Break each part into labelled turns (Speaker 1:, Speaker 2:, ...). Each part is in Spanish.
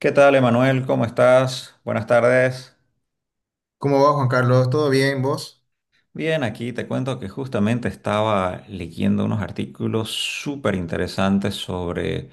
Speaker 1: ¿Qué tal, Emanuel? ¿Cómo estás? Buenas tardes.
Speaker 2: ¿Cómo va Juan Carlos? ¿Todo bien vos?
Speaker 1: Bien, aquí te cuento que justamente estaba leyendo unos artículos súper interesantes sobre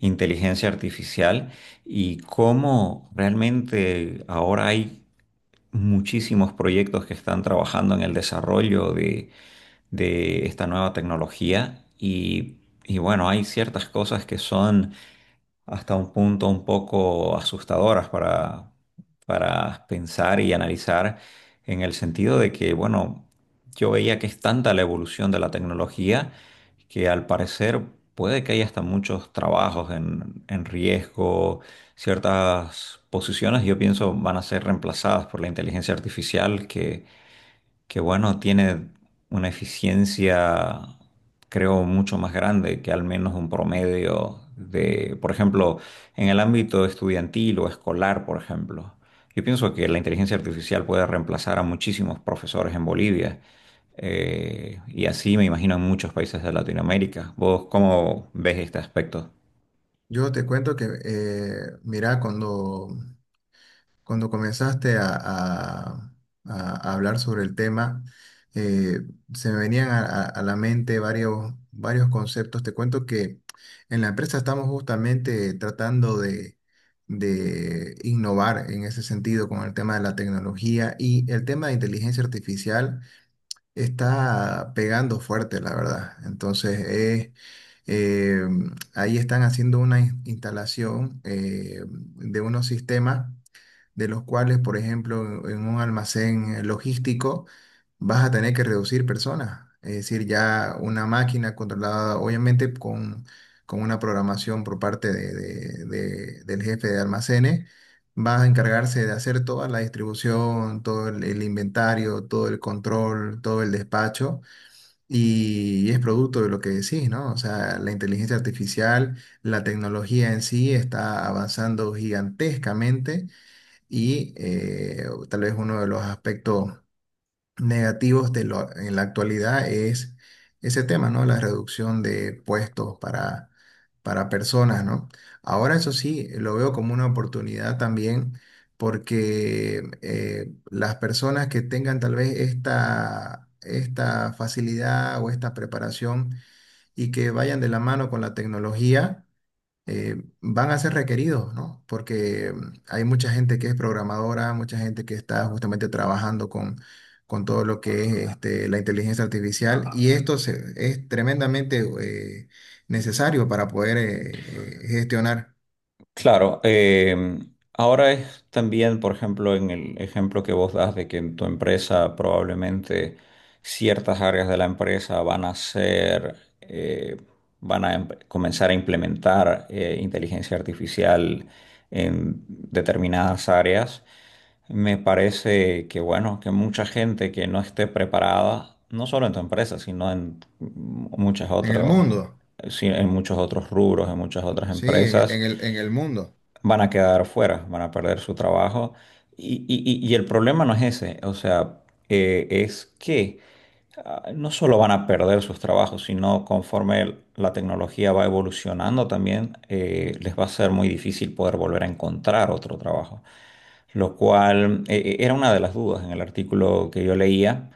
Speaker 1: inteligencia artificial y cómo realmente ahora hay muchísimos proyectos que están trabajando en el desarrollo de esta nueva tecnología y bueno, hay ciertas cosas que son hasta un punto un poco asustadoras para pensar y analizar en el sentido de que, bueno, yo veía que es tanta la evolución de la tecnología que al parecer puede que haya hasta muchos trabajos en riesgo, ciertas posiciones yo pienso van a ser reemplazadas por la inteligencia artificial que bueno, tiene una eficiencia, creo, mucho más grande que al menos un promedio de, por ejemplo, en el ámbito estudiantil o escolar, por ejemplo. Yo pienso que la inteligencia artificial puede reemplazar a muchísimos profesores en Bolivia, y así me imagino en muchos países de Latinoamérica. ¿Vos cómo ves este aspecto?
Speaker 2: Yo te cuento que, mira, cuando comenzaste a hablar sobre el tema, eh, se me venían a a- la mente varios conceptos. Te cuento que en la empresa estamos justamente tratando de innovar en ese sentido con el tema de la tecnología y el tema de inteligencia artificial. Está pegando fuerte, la verdad. Entonces, eh, ahí están haciendo una instalación de unos sistemas de los cuales, por ejemplo, en un almacén logístico vas a tener que reducir personas. Es decir, ya una máquina controlada, obviamente, con una programación por parte del jefe de almacenes, va a encargarse de hacer toda la distribución, todo el inventario, todo el control, todo el despacho. Y es producto de lo que decís, ¿no? O sea, la inteligencia artificial, la tecnología en sí está avanzando gigantescamente y tal vez uno de los aspectos negativos de en la actualidad es ese tema, ¿no? La reducción de puestos para personas, ¿no? Ahora, eso sí, lo veo como una oportunidad también porque las personas que tengan tal vez esta, esta facilidad o esta preparación y que vayan de la mano con la tecnología, eh, van a ser requeridos, ¿no? Porque hay mucha gente que es programadora, mucha gente que está justamente trabajando con todo lo que es este, la inteligencia artificial, y esto es tremendamente necesario para poder gestionar
Speaker 1: Claro, ahora es también, por ejemplo, en el ejemplo que vos das de que en tu empresa probablemente ciertas áreas de la empresa van a ser, eh, van a comenzar a implementar inteligencia artificial en determinadas áreas. Me parece que, bueno, que mucha gente que no esté preparada, no solo en tu empresa, sino en muchas
Speaker 2: en el
Speaker 1: otras,
Speaker 2: mundo,
Speaker 1: sí, en muchos otros rubros, en muchas otras
Speaker 2: sí,
Speaker 1: empresas,
Speaker 2: en el mundo,
Speaker 1: van a quedar fuera, van a perder su trabajo. Y, y el problema no es ese, o sea, es que no solo van a perder sus trabajos, sino conforme la tecnología va evolucionando también, les va a ser muy difícil poder volver a encontrar otro trabajo, lo cual era una de las dudas en el artículo que yo leía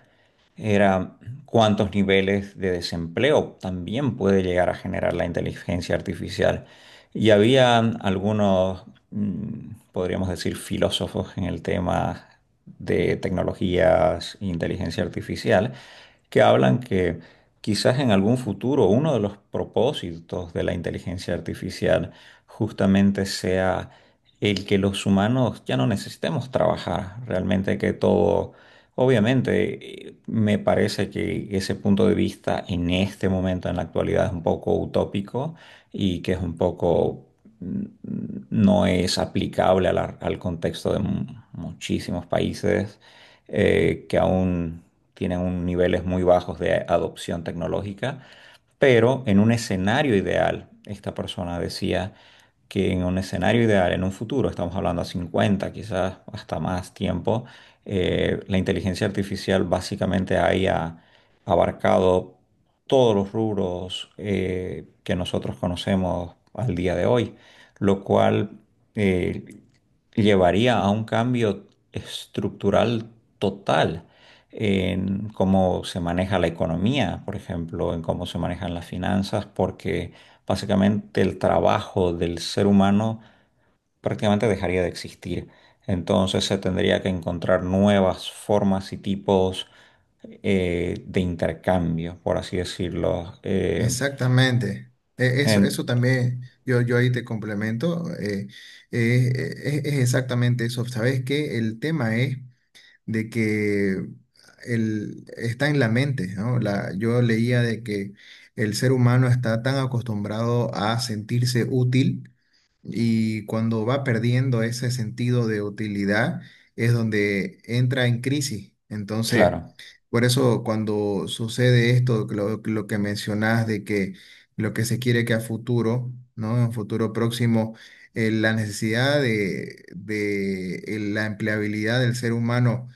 Speaker 1: era cuántos niveles de desempleo también puede llegar a generar la inteligencia artificial. Y había algunos, mm, podríamos decir, filósofos en el tema de tecnologías e inteligencia artificial que hablan que quizás en algún futuro uno de los propósitos de la inteligencia artificial justamente sea el que los humanos ya no necesitemos trabajar, realmente que todo. Obviamente, me parece que ese punto de vista en este momento, en la actualidad, es un poco utópico y que es un poco, mm, no es aplicable a al contexto de muchísimos países que aún tienen niveles muy bajos de adopción tecnológica. Pero en un escenario ideal, esta persona decía que en un escenario ideal, en un futuro, estamos hablando a 50, quizás hasta más tiempo, la inteligencia artificial básicamente haya abarcado todos los rubros que nosotros conocemos al día de hoy, lo cual, eh, llevaría a un cambio estructural total en cómo se maneja la economía, por ejemplo, en cómo se manejan las finanzas, porque básicamente el trabajo del ser humano prácticamente dejaría de existir. Entonces se tendría que encontrar nuevas formas y tipos de intercambio, por así decirlo.
Speaker 2: exactamente. Eso,
Speaker 1: En-
Speaker 2: eso también, yo ahí te complemento, es es exactamente eso. ¿Sabes qué? El tema es de que el, está en la mente, ¿no? La, yo leía de que el ser humano está tan acostumbrado a sentirse útil, y cuando va perdiendo ese sentido de utilidad es donde entra en crisis. Entonces,
Speaker 1: claro,
Speaker 2: por eso cuando sucede esto, lo que mencionás de que lo que se quiere que a futuro, ¿no? En un futuro próximo, la necesidad de la empleabilidad del ser humano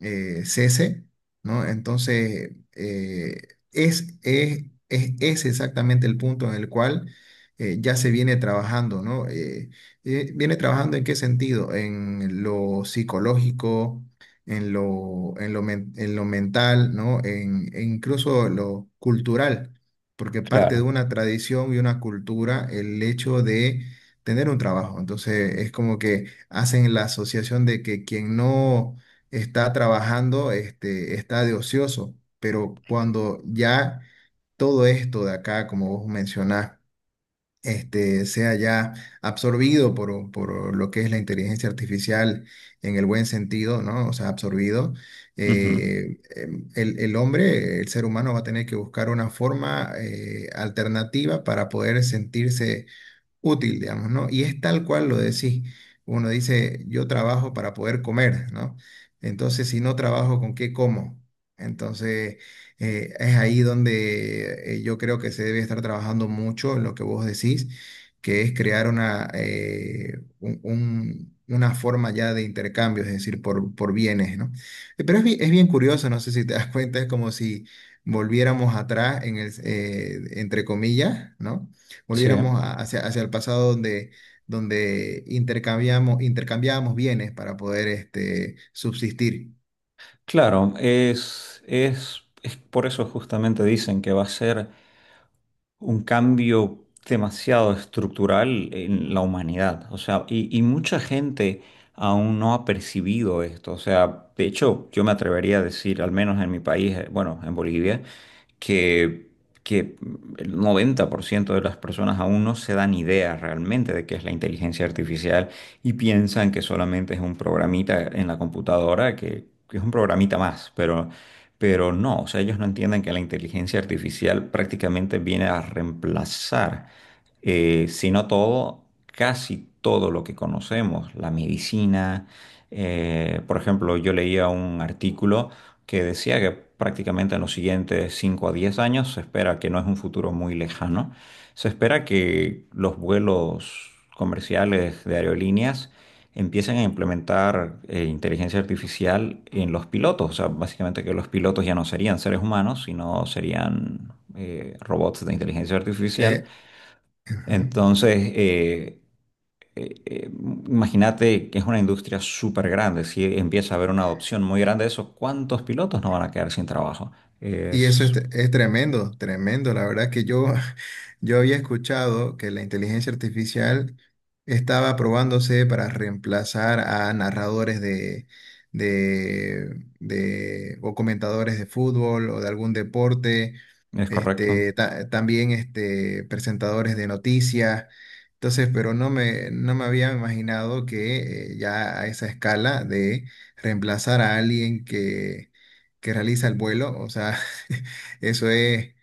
Speaker 2: cese, ¿no? Entonces, es exactamente el punto en el cual ya se viene trabajando, ¿no? ¿Viene trabajando en qué sentido? En lo psicológico, en lo, en lo, en lo mental, ¿no? En, e incluso lo cultural, porque parte de
Speaker 1: claro.
Speaker 2: una tradición y una cultura el hecho de tener un trabajo. Entonces, es como que hacen la asociación de que quien no está trabajando, este, está de ocioso, pero cuando ya todo esto de acá, como vos mencionás, este, sea ya absorbido por lo que es la inteligencia artificial en el buen sentido, ¿no? O sea, absorbido,
Speaker 1: Ujú,
Speaker 2: el hombre, el ser humano va a tener que buscar una forma alternativa para poder sentirse útil, digamos, ¿no? Y es tal cual lo decís. Uno dice, yo trabajo para poder comer, ¿no? Entonces, si no trabajo, ¿con qué como? Entonces, es ahí donde yo creo que se debe estar trabajando mucho en lo que vos decís, que es crear una, una forma ya de intercambio, es decir, por bienes, ¿no? Pero es, es bien curioso, no sé si te das cuenta, es como si volviéramos atrás, en el, entre comillas, ¿no?
Speaker 1: sí,
Speaker 2: Volviéramos hacia, hacia el pasado donde, donde intercambiamos, intercambiábamos bienes para poder este, subsistir.
Speaker 1: claro. Es por eso justamente dicen que va a ser un cambio demasiado estructural en la humanidad. O sea, y mucha gente aún no ha percibido esto. O sea, de hecho, yo me atrevería a decir, al menos en mi país, bueno, en Bolivia, que, que el 90% de las personas aún no se dan idea realmente de qué es la inteligencia artificial y piensan que solamente es un programita en la computadora, que es un programita más, pero no, o sea, ellos no entienden que la inteligencia artificial prácticamente viene a reemplazar, si no todo, casi todo lo que conocemos, la medicina. Eh, por ejemplo, yo leía un artículo que decía que prácticamente en los siguientes 5 a 10 años, se espera que, no es un futuro muy lejano, se espera que los vuelos comerciales de aerolíneas empiecen a implementar inteligencia artificial en los pilotos. O sea, básicamente que los pilotos ya no serían seres humanos, sino serían robots de inteligencia artificial.
Speaker 2: Eh, ujú.
Speaker 1: Entonces, eh, eh, imagínate que es una industria súper grande. Si empieza a haber una adopción muy grande de eso, ¿cuántos pilotos no van a quedar sin trabajo?
Speaker 2: Y eso
Speaker 1: Es,
Speaker 2: es tremendo, tremendo. La verdad que yo, yo había escuchado que la inteligencia artificial estaba probándose para reemplazar a narradores de, o comentadores de fútbol o de algún deporte,
Speaker 1: es correcto.
Speaker 2: este, también este, presentadores de noticias. Entonces, pero no me, no me había imaginado que ya a esa escala de reemplazar a alguien que realiza el vuelo, o sea, eso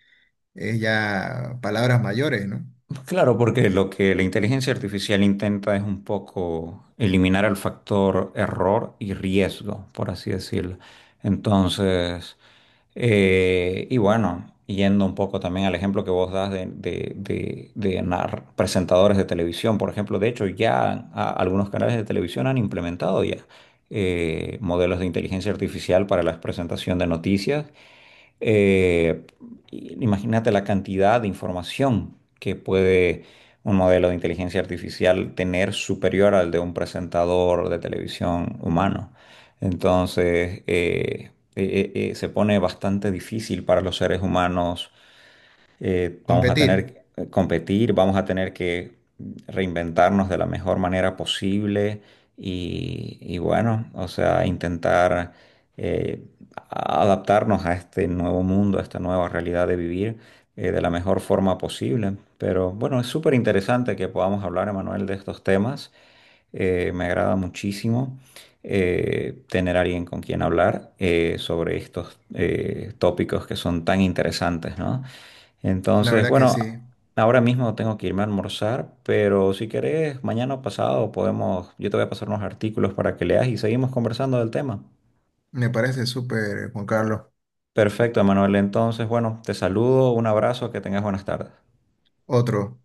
Speaker 2: es ya palabras mayores, ¿no?
Speaker 1: Claro, porque lo que la inteligencia artificial intenta es un poco eliminar el factor error y riesgo, por así decirlo. Entonces, y bueno, yendo un poco también al ejemplo que vos das de, presentadores de televisión, por ejemplo, de hecho ya algunos canales de televisión han implementado ya modelos de inteligencia artificial para la presentación de noticias. eh, imagínate la cantidad de información que puede un modelo de inteligencia artificial tener superior al de un presentador de televisión humano. Entonces, se pone bastante difícil para los seres humanos. Vamos a
Speaker 2: Competir.
Speaker 1: tener que competir, vamos a tener que reinventarnos de la mejor manera posible y bueno, o sea, intentar eh, adaptarnos a este nuevo mundo, a esta nueva realidad de vivir de la mejor forma posible. Pero bueno, es súper interesante que podamos hablar, Emanuel, de estos temas. Me agrada muchísimo tener a alguien con quien hablar sobre estos tópicos que son tan interesantes, ¿no?
Speaker 2: La
Speaker 1: Entonces,
Speaker 2: verdad que sí.
Speaker 1: bueno, ahora mismo tengo que irme a almorzar, pero si querés, mañana o pasado podemos, yo te voy a pasar unos artículos para que leas y seguimos conversando del tema.
Speaker 2: Me parece súper, Juan Carlos.
Speaker 1: Perfecto, Emanuel. Entonces, bueno, te saludo, un abrazo, que tengas buenas tardes.
Speaker 2: Otro.